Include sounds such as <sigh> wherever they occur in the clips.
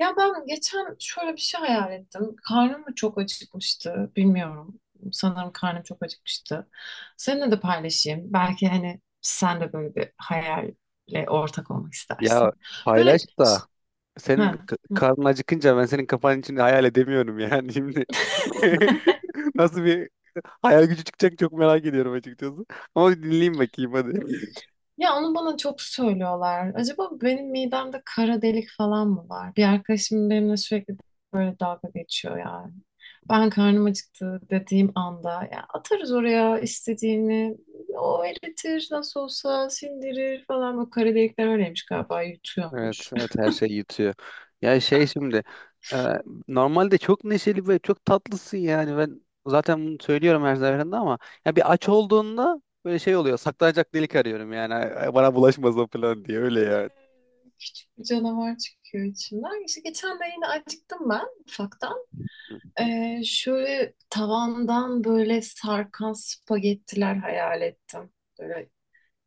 Ya ben geçen şöyle bir şey hayal ettim. Karnım mı çok acıkmıştı bilmiyorum. Sanırım karnım çok acıkmıştı. Seninle de paylaşayım. Belki hani sen de böyle bir hayalle ortak olmak Ya istersin. paylaş Böyle da senin ha, karnın acıkınca ben senin kafanın içini hayal edemiyorum yani şimdi. <laughs> Nasıl bir hayal gücü çıkacak, çok merak ediyorum açıkçası. Ama bir dinleyeyim bakayım hadi. ya onu bana çok söylüyorlar. Acaba benim midemde kara delik falan mı var? Bir arkadaşım benimle sürekli böyle dalga geçiyor yani. Ben karnım acıktı dediğim anda ya atarız oraya istediğini. O eritir nasıl olsa sindirir falan. O kara delikler öyleymiş galiba Evet, yutuyormuş. evet, <laughs> her şey yutuyor. Ya şey, şimdi e, normalde çok neşeli ve çok tatlısın. Yani ben zaten bunu söylüyorum her seferinde ama ya bir aç olduğunda böyle şey oluyor, saklanacak delik arıyorum yani, "Ay, ay, bana bulaşmasın" falan diye, öyle Evet, yani. küçük bir canavar çıkıyor içimden. İşte geçen de yine acıktım ben ufaktan. Hı hı. Şöyle tavandan böyle sarkan spagettiler hayal ettim. Böyle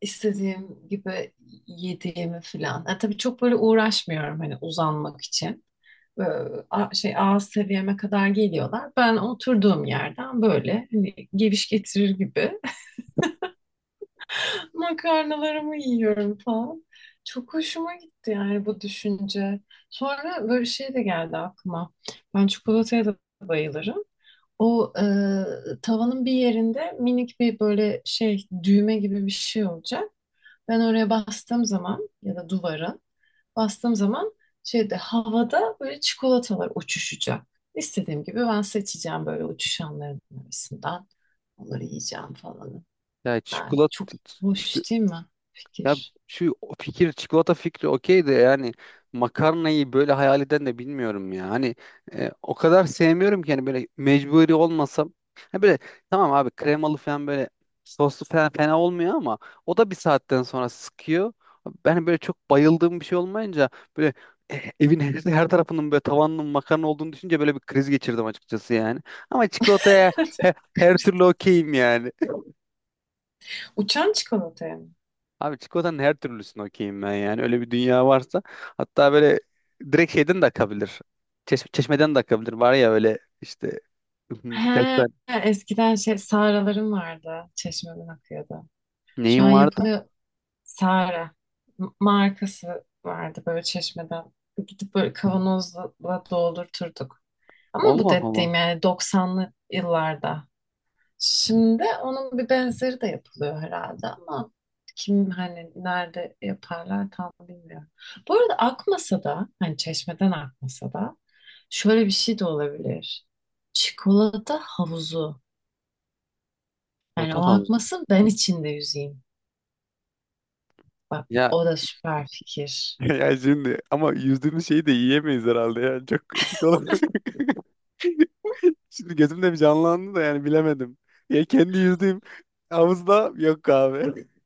istediğim gibi yediğimi falan. Yani tabii çok böyle uğraşmıyorum hani uzanmak için. Böyle şey ağız seviyeme kadar geliyorlar. Ben oturduğum yerden böyle hani geviş getirir gibi <laughs> makarnalarımı yiyorum falan. Çok hoşuma gitti yani bu düşünce. Sonra böyle şey de geldi aklıma. Ben çikolataya da bayılırım. O tavanın bir yerinde minik bir böyle şey düğme gibi bir şey olacak. Ben oraya bastığım zaman ya da duvara bastığım zaman şeyde havada böyle çikolatalar uçuşacak. İstediğim gibi ben seçeceğim böyle uçuşanların arasından. Onları yiyeceğim falan. Ya Yani çok çikolata, hoş değil mi ya fikir? şu fikir, çikolata fikri okey de yani, makarnayı böyle hayal eden de bilmiyorum ya. Hani o kadar sevmiyorum ki, hani böyle mecburi olmasam. Ha böyle, tamam abi, kremalı falan, böyle soslu falan fena olmuyor ama o da bir saatten sonra sıkıyor. Ben böyle çok bayıldığım bir şey olmayınca, böyle evin her tarafının, böyle tavanının makarna olduğunu düşünce böyle bir kriz geçirdim açıkçası yani. Ama çikolataya <laughs> her türlü okeyim yani. Uçan çikolataya mı? Abi çikolatanın her türlüsünü okeyim ben yani. Öyle bir dünya varsa. Hatta böyle direkt şeyden de akabilir. Çeşmeden de akabilir. Var ya öyle işte, <laughs> birkaç tane He, eskiden şey sağralarım vardı. Çeşmeden akıyordu. Şu neyim an vardı? yapılıyor Sara markası vardı böyle çeşmeden. Gidip böyle kavanozla doldurturduk. Ama bu Allah Allah. dediğim yani doksanlı yıllarda. Şimdi onun bir benzeri de yapılıyor herhalde ama kim hani nerede yaparlar tam bilmiyorum. Bu arada akmasa da hani çeşmeden akmasa da şöyle bir şey de olabilir. Çikolata havuzu. Yani Bota o havuz. akmasın ben içinde yüzeyim. Ya, O da süper fikir. <laughs> ya şimdi ama yüzdüğümüz şeyi de yiyemeyiz herhalde ya. Çok etik olarak. <laughs> Şimdi gözümde bir canlandı da yani, bilemedim. Ya kendi yüzdüğüm havuzda yok abi. <laughs>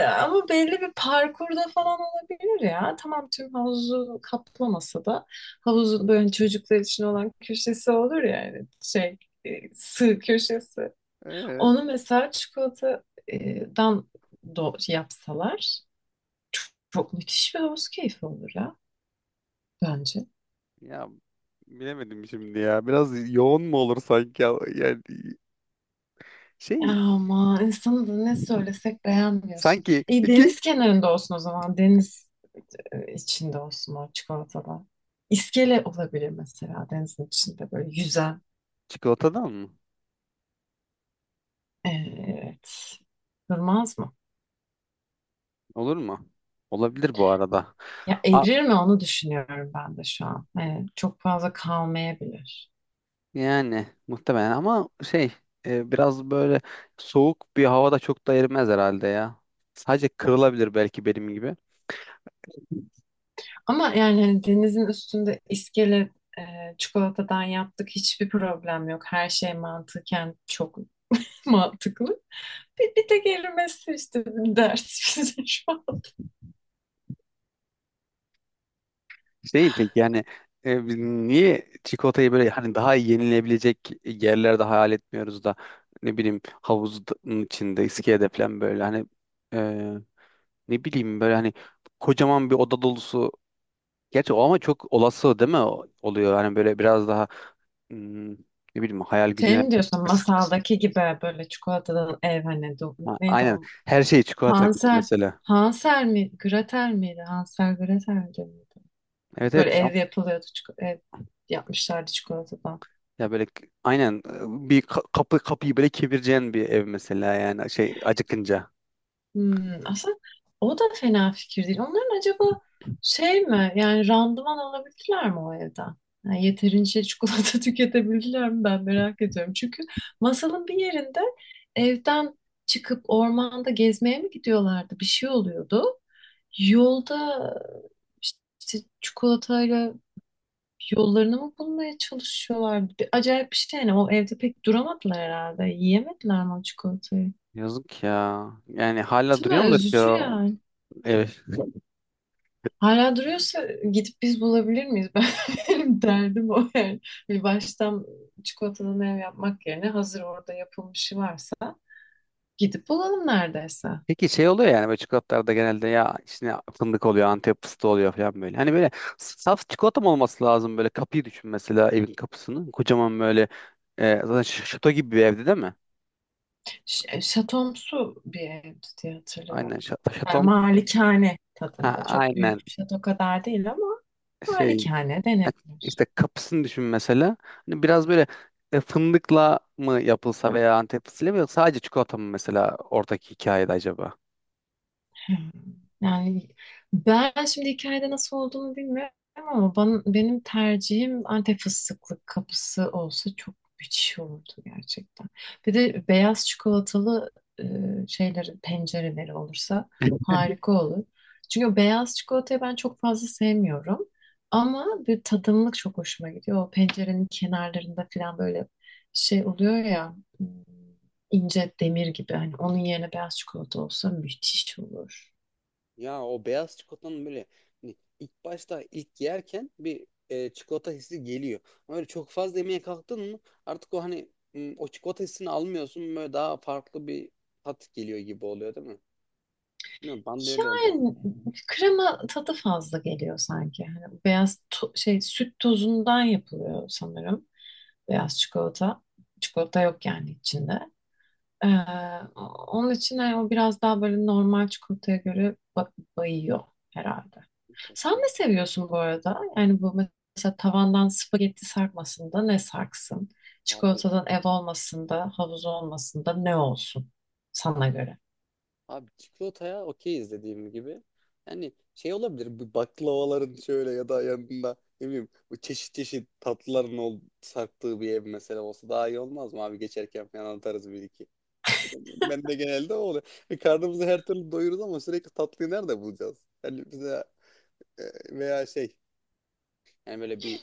Ama belli bir parkurda falan olabilir ya. Tamam tüm havuzu kaplamasa da havuzun böyle çocuklar için olan köşesi olur ya yani şey sığ köşesi. Ee, Onu mesela çikolatadan yapsalar çok müthiş bir havuz keyfi olur ya bence. ya bilemedim şimdi ya. Biraz yoğun mu olur sanki ya? Yani şey, Ama insanı da ne söylesek beğenmiyorsun. sanki İyi iki, deniz kenarında olsun o zaman. Deniz içinde olsun o çikolatada. İskele olabilir mesela denizin içinde böyle yüzen. çikolatadan mı? Evet. Durmaz mı? Olur mu? Olabilir bu arada. Ya A, erir mi onu düşünüyorum ben de şu an. Hani çok fazla kalmayabilir. yani muhtemelen ama şey, biraz böyle soğuk bir havada çok da erimez herhalde ya. Sadece kırılabilir belki benim gibi. Ama yani hani denizin üstünde iskele e, çikolatadan yaptık hiçbir problem yok. Her şey mantıken çok <laughs> mantıklı. Bir tek erimesi işte bir dert <laughs> bize şu an. Şey peki yani, biz niye çikolatayı böyle, hani daha iyi yenilebilecek yerlerde hayal etmiyoruz da ne bileyim havuzun içinde, iskelede falan, böyle hani e, ne bileyim böyle, hani kocaman bir oda dolusu. Gerçi o ama çok olası değil mi? Oluyor? Hani böyle biraz daha, ne bileyim hayal Şey gücüne mi diyorsun kıs- kıs- masaldaki gibi böyle çikolatadan ev hani ha, neydi aynen, o? her şey çikolata gibi Hansel. mesela. Hansel mi? Gretel miydi? Hansel Gretel miydi? Evet, Böyle evet. ev yapılıyordu. Ev yapmışlardı çikolatadan. Ya böyle aynen, bir kapı, kapıyı böyle kevireceğin bir ev mesela, yani şey acıkınca. Hmm, aslında o da fena fikir değil. Onların acaba şey mi? Yani randıman alabildiler mi o evden? Yani yeterince çikolata <laughs> tüketebildiler mi? Ben merak ediyorum. Çünkü masalın bir yerinde evden çıkıp ormanda gezmeye mi gidiyorlardı? Bir şey oluyordu. Yolda işte çikolatayla yollarını mı bulmaya çalışıyorlar? Acayip bir şey yani. O evde pek duramadılar herhalde. Yiyemediler mi o çikolatayı? Yazık ya. Yani hala Değil duruyor mi? mudur ki Üzücü o yani. ev? Hala duruyorsa gidip biz bulabilir miyiz? <laughs> Benim derdim o yani. Bir baştan çikolatadan ev yapmak yerine hazır orada yapılmışı varsa gidip bulalım neredeyse. Peki şey oluyor yani, böyle çikolatalarda genelde ya içine fındık oluyor, Antep fıstığı oluyor falan böyle. Hani böyle saf çikolata mı olması lazım? Böyle kapıyı düşün mesela, evin kapısını. Kocaman böyle, zaten şato gibi bir evde değil mi? Şatomsu bir evdi diye Aynen hatırlıyorum. şato, Yani şaton. malikane Ha tadında. Çok büyük aynen, bir şato kadar değil ama şey, malikane ha, denebilir. işte kapısını düşün mesela. Hani biraz böyle, fındıkla mı yapılsa, veya Antep fıstığıyla mı, yoksa sadece çikolata mı mesela oradaki hikayede acaba? Hmm. Yani ben şimdi hikayede nasıl olduğunu bilmiyorum ama benim tercihim Antep fıstıklı kapısı olsa çok müthiş olurdu gerçekten. Bir de beyaz çikolatalı e, şeyleri, pencereleri olursa harika olur. Çünkü o beyaz çikolatayı ben çok fazla sevmiyorum. Ama bir tadımlık çok hoşuma gidiyor. O pencerenin kenarlarında falan böyle şey oluyor ya hmm, ince demir gibi. Hani onun yerine beyaz çikolata olsa müthiş olur. Ya o beyaz çikolatanın böyle, hani ilk başta, ilk yerken bir çikolata hissi geliyor. Ama öyle çok fazla yemeye kalktın mı artık o hani o çikolata hissini almıyorsun, böyle daha farklı bir tat geliyor gibi oluyor değil mi? Bilmiyorum, bana da öyle oluyor yani. Yani krema tadı fazla geliyor sanki. Hani beyaz şey süt tozundan yapılıyor sanırım. Beyaz çikolata. Çikolata yok yani içinde. Ee, onun için hani o biraz daha böyle normal çikolataya göre bayıyor herhalde. Sen ne Kesin. seviyorsun bu arada? Yani bu mesela tavandan spagetti sarkmasın ne sarksın? Abi, Çikolatadan ev olmasında, havuz olmasında ne olsun sana göre? abi çikolataya okeyiz dediğim gibi. Yani şey olabilir, bu baklavaların şöyle, ya da yanında, ne bileyim, bu çeşit çeşit tatlıların ol, sarktığı bir ev mesela olsa daha iyi olmaz mı abi? Geçerken falan atarız bir iki. Ben de genelde o oluyor. E, karnımızı her türlü doyururuz ama sürekli tatlıyı nerede bulacağız? Yani bize e, veya şey, yani böyle bir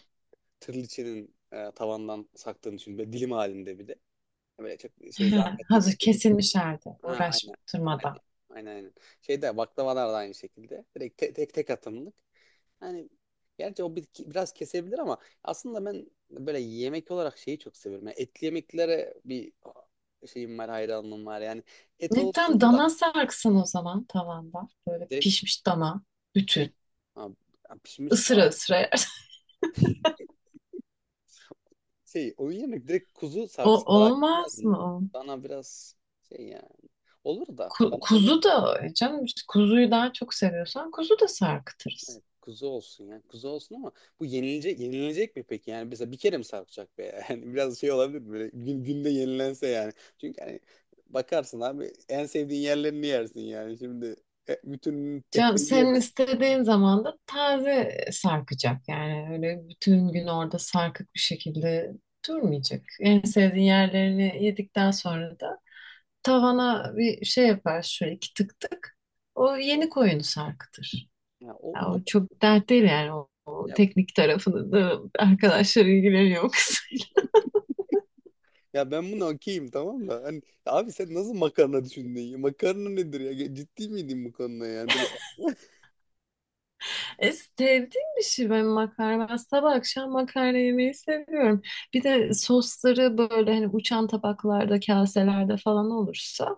tırlıçının tavandan saktığını düşün. Böyle dilim halinde bir de. Böyle çok şey He, zahmetli de hazır değil. kesilmiş halde Ha, aynen. Aynen. uğraştırmadan. Aynen, aynen. Şeyde baklavalar da aynı şekilde. Direkt tek tek atımlık. Yani gerçi biraz kesebilir ama aslında ben böyle yemek olarak şeyi çok seviyorum. Yani etli yemeklere bir şeyim var, hayranlığım var. Yani et Ne tam olsun da dana sarksın o zaman tavanda. Böyle direkt. pişmiş dana Direkt- bütün Ha, ya pişmiş ısıra daha, ısıra yersin. <laughs> şey, o yemek direkt kuzu O sarksı daha gitmez olmaz mi? mı? O? Bana biraz şey yani. Olur da bana da olur. Kuzu da canım kuzuyu daha çok seviyorsan kuzu da sarkıtırız. Kuzu olsun yani. Kuzu olsun ama bu yenilecek, yenilecek mi peki? Yani mesela bir kere mi sarkacak be? <laughs> Yani biraz şey olabilir mi? Böyle günde yenilense yani. Çünkü hani bakarsın abi, en sevdiğin yerlerini yersin yani. Şimdi bütün tek Canım de senin yiyemezsin. istediğin zaman da taze sarkacak. Yani öyle bütün gün orada sarkık bir şekilde durmayacak. En sevdiğin yerlerini yedikten sonra da tavana bir şey yapar şöyle iki tık tık. O yeni koyunu sarkıtır. Ya o, Ya o o çok dert değil yani o ya, teknik tarafını da arkadaşlar ilgileniyor o kısım. <laughs> ya ben bunu okeyim tamam da, hani abi sen nasıl makarna düşündün ya? Makarna nedir ya? Ciddi miydin bu konuda yani? Böyle <laughs> sevdiğim bir şey ben makarna. Ben sabah akşam makarna yemeyi seviyorum. Bir de sosları böyle hani uçan tabaklarda, kaselerde falan olursa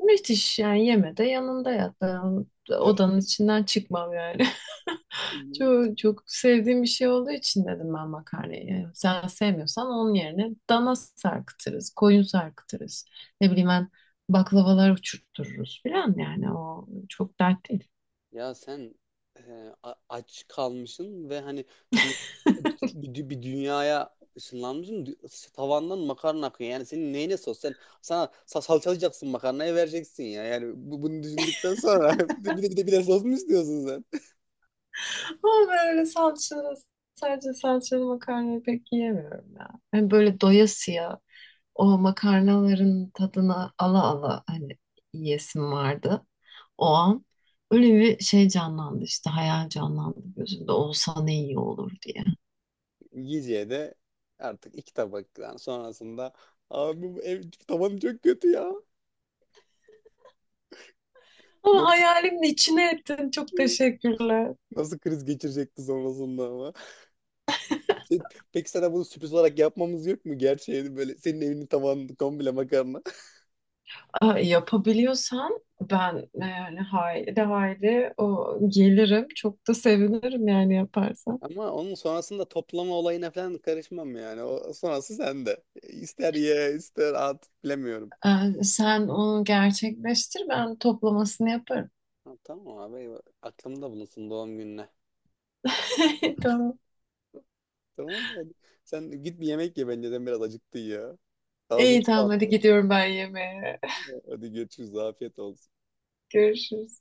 müthiş yani yeme de yanında yat. Ben ya, odanın içinden çıkmam yani. Çok sevdiğim bir şey olduğu için dedim ben makarnayı. Yani sen sevmiyorsan onun yerine dana sarkıtırız, koyun sarkıtırız. Ne bileyim ben baklavalar uçurttururuz filan yani o çok dert değil. ya sen e, aç kalmışsın ve hani bir bir dünyaya ışınlanmışsın. Tavandan makarna akıyor. Yani senin neyine sos? Sana salçalayacaksın, makarnayı vereceksin ya. Yani bunu düşündükten sonra, <laughs> bir de sos mu istiyorsun sen? Ama böyle sadece salçalı makarnayı pek yiyemiyorum ya. Hani böyle doyasıya o makarnaların tadına ala ala hani yiyesim vardı o an. Öyle bir şey canlandı işte hayal canlandı gözümde olsa ne iyi olur diye. Yiyeceğe de artık iki tabaktan sonrasında abi, bu ev tavanı çok kötü ya. Ama Nasıl, hayalimin içine ettin. Çok teşekkürler. nasıl kriz geçirecekti sonrasında ama. Sen- peki sana bunu sürpriz olarak yapmamız yok mu? Gerçeğini, böyle senin evinin tavanı komple makarna. <laughs> Aa, yapabiliyorsam ben yani haydi haydi o gelirim. Çok da sevinirim yani yaparsan. Ama onun sonrasında toplama olayına falan karışmam yani. O sonrası sende. İster ye, ister at, bilemiyorum. Sen onu gerçekleştir ben toplamasını yaparım. Ha, tamam abi, eyvah. Aklımda bulunsun doğum gününe. <laughs> Tamam. Tamam hadi. Sen git bir yemek ye, bence de biraz acıktın ya. Ağzım İyi tamam hadi sulandı. gidiyorum ben yemeğe. Hadi görüşürüz. Afiyet olsun. Görüşürüz.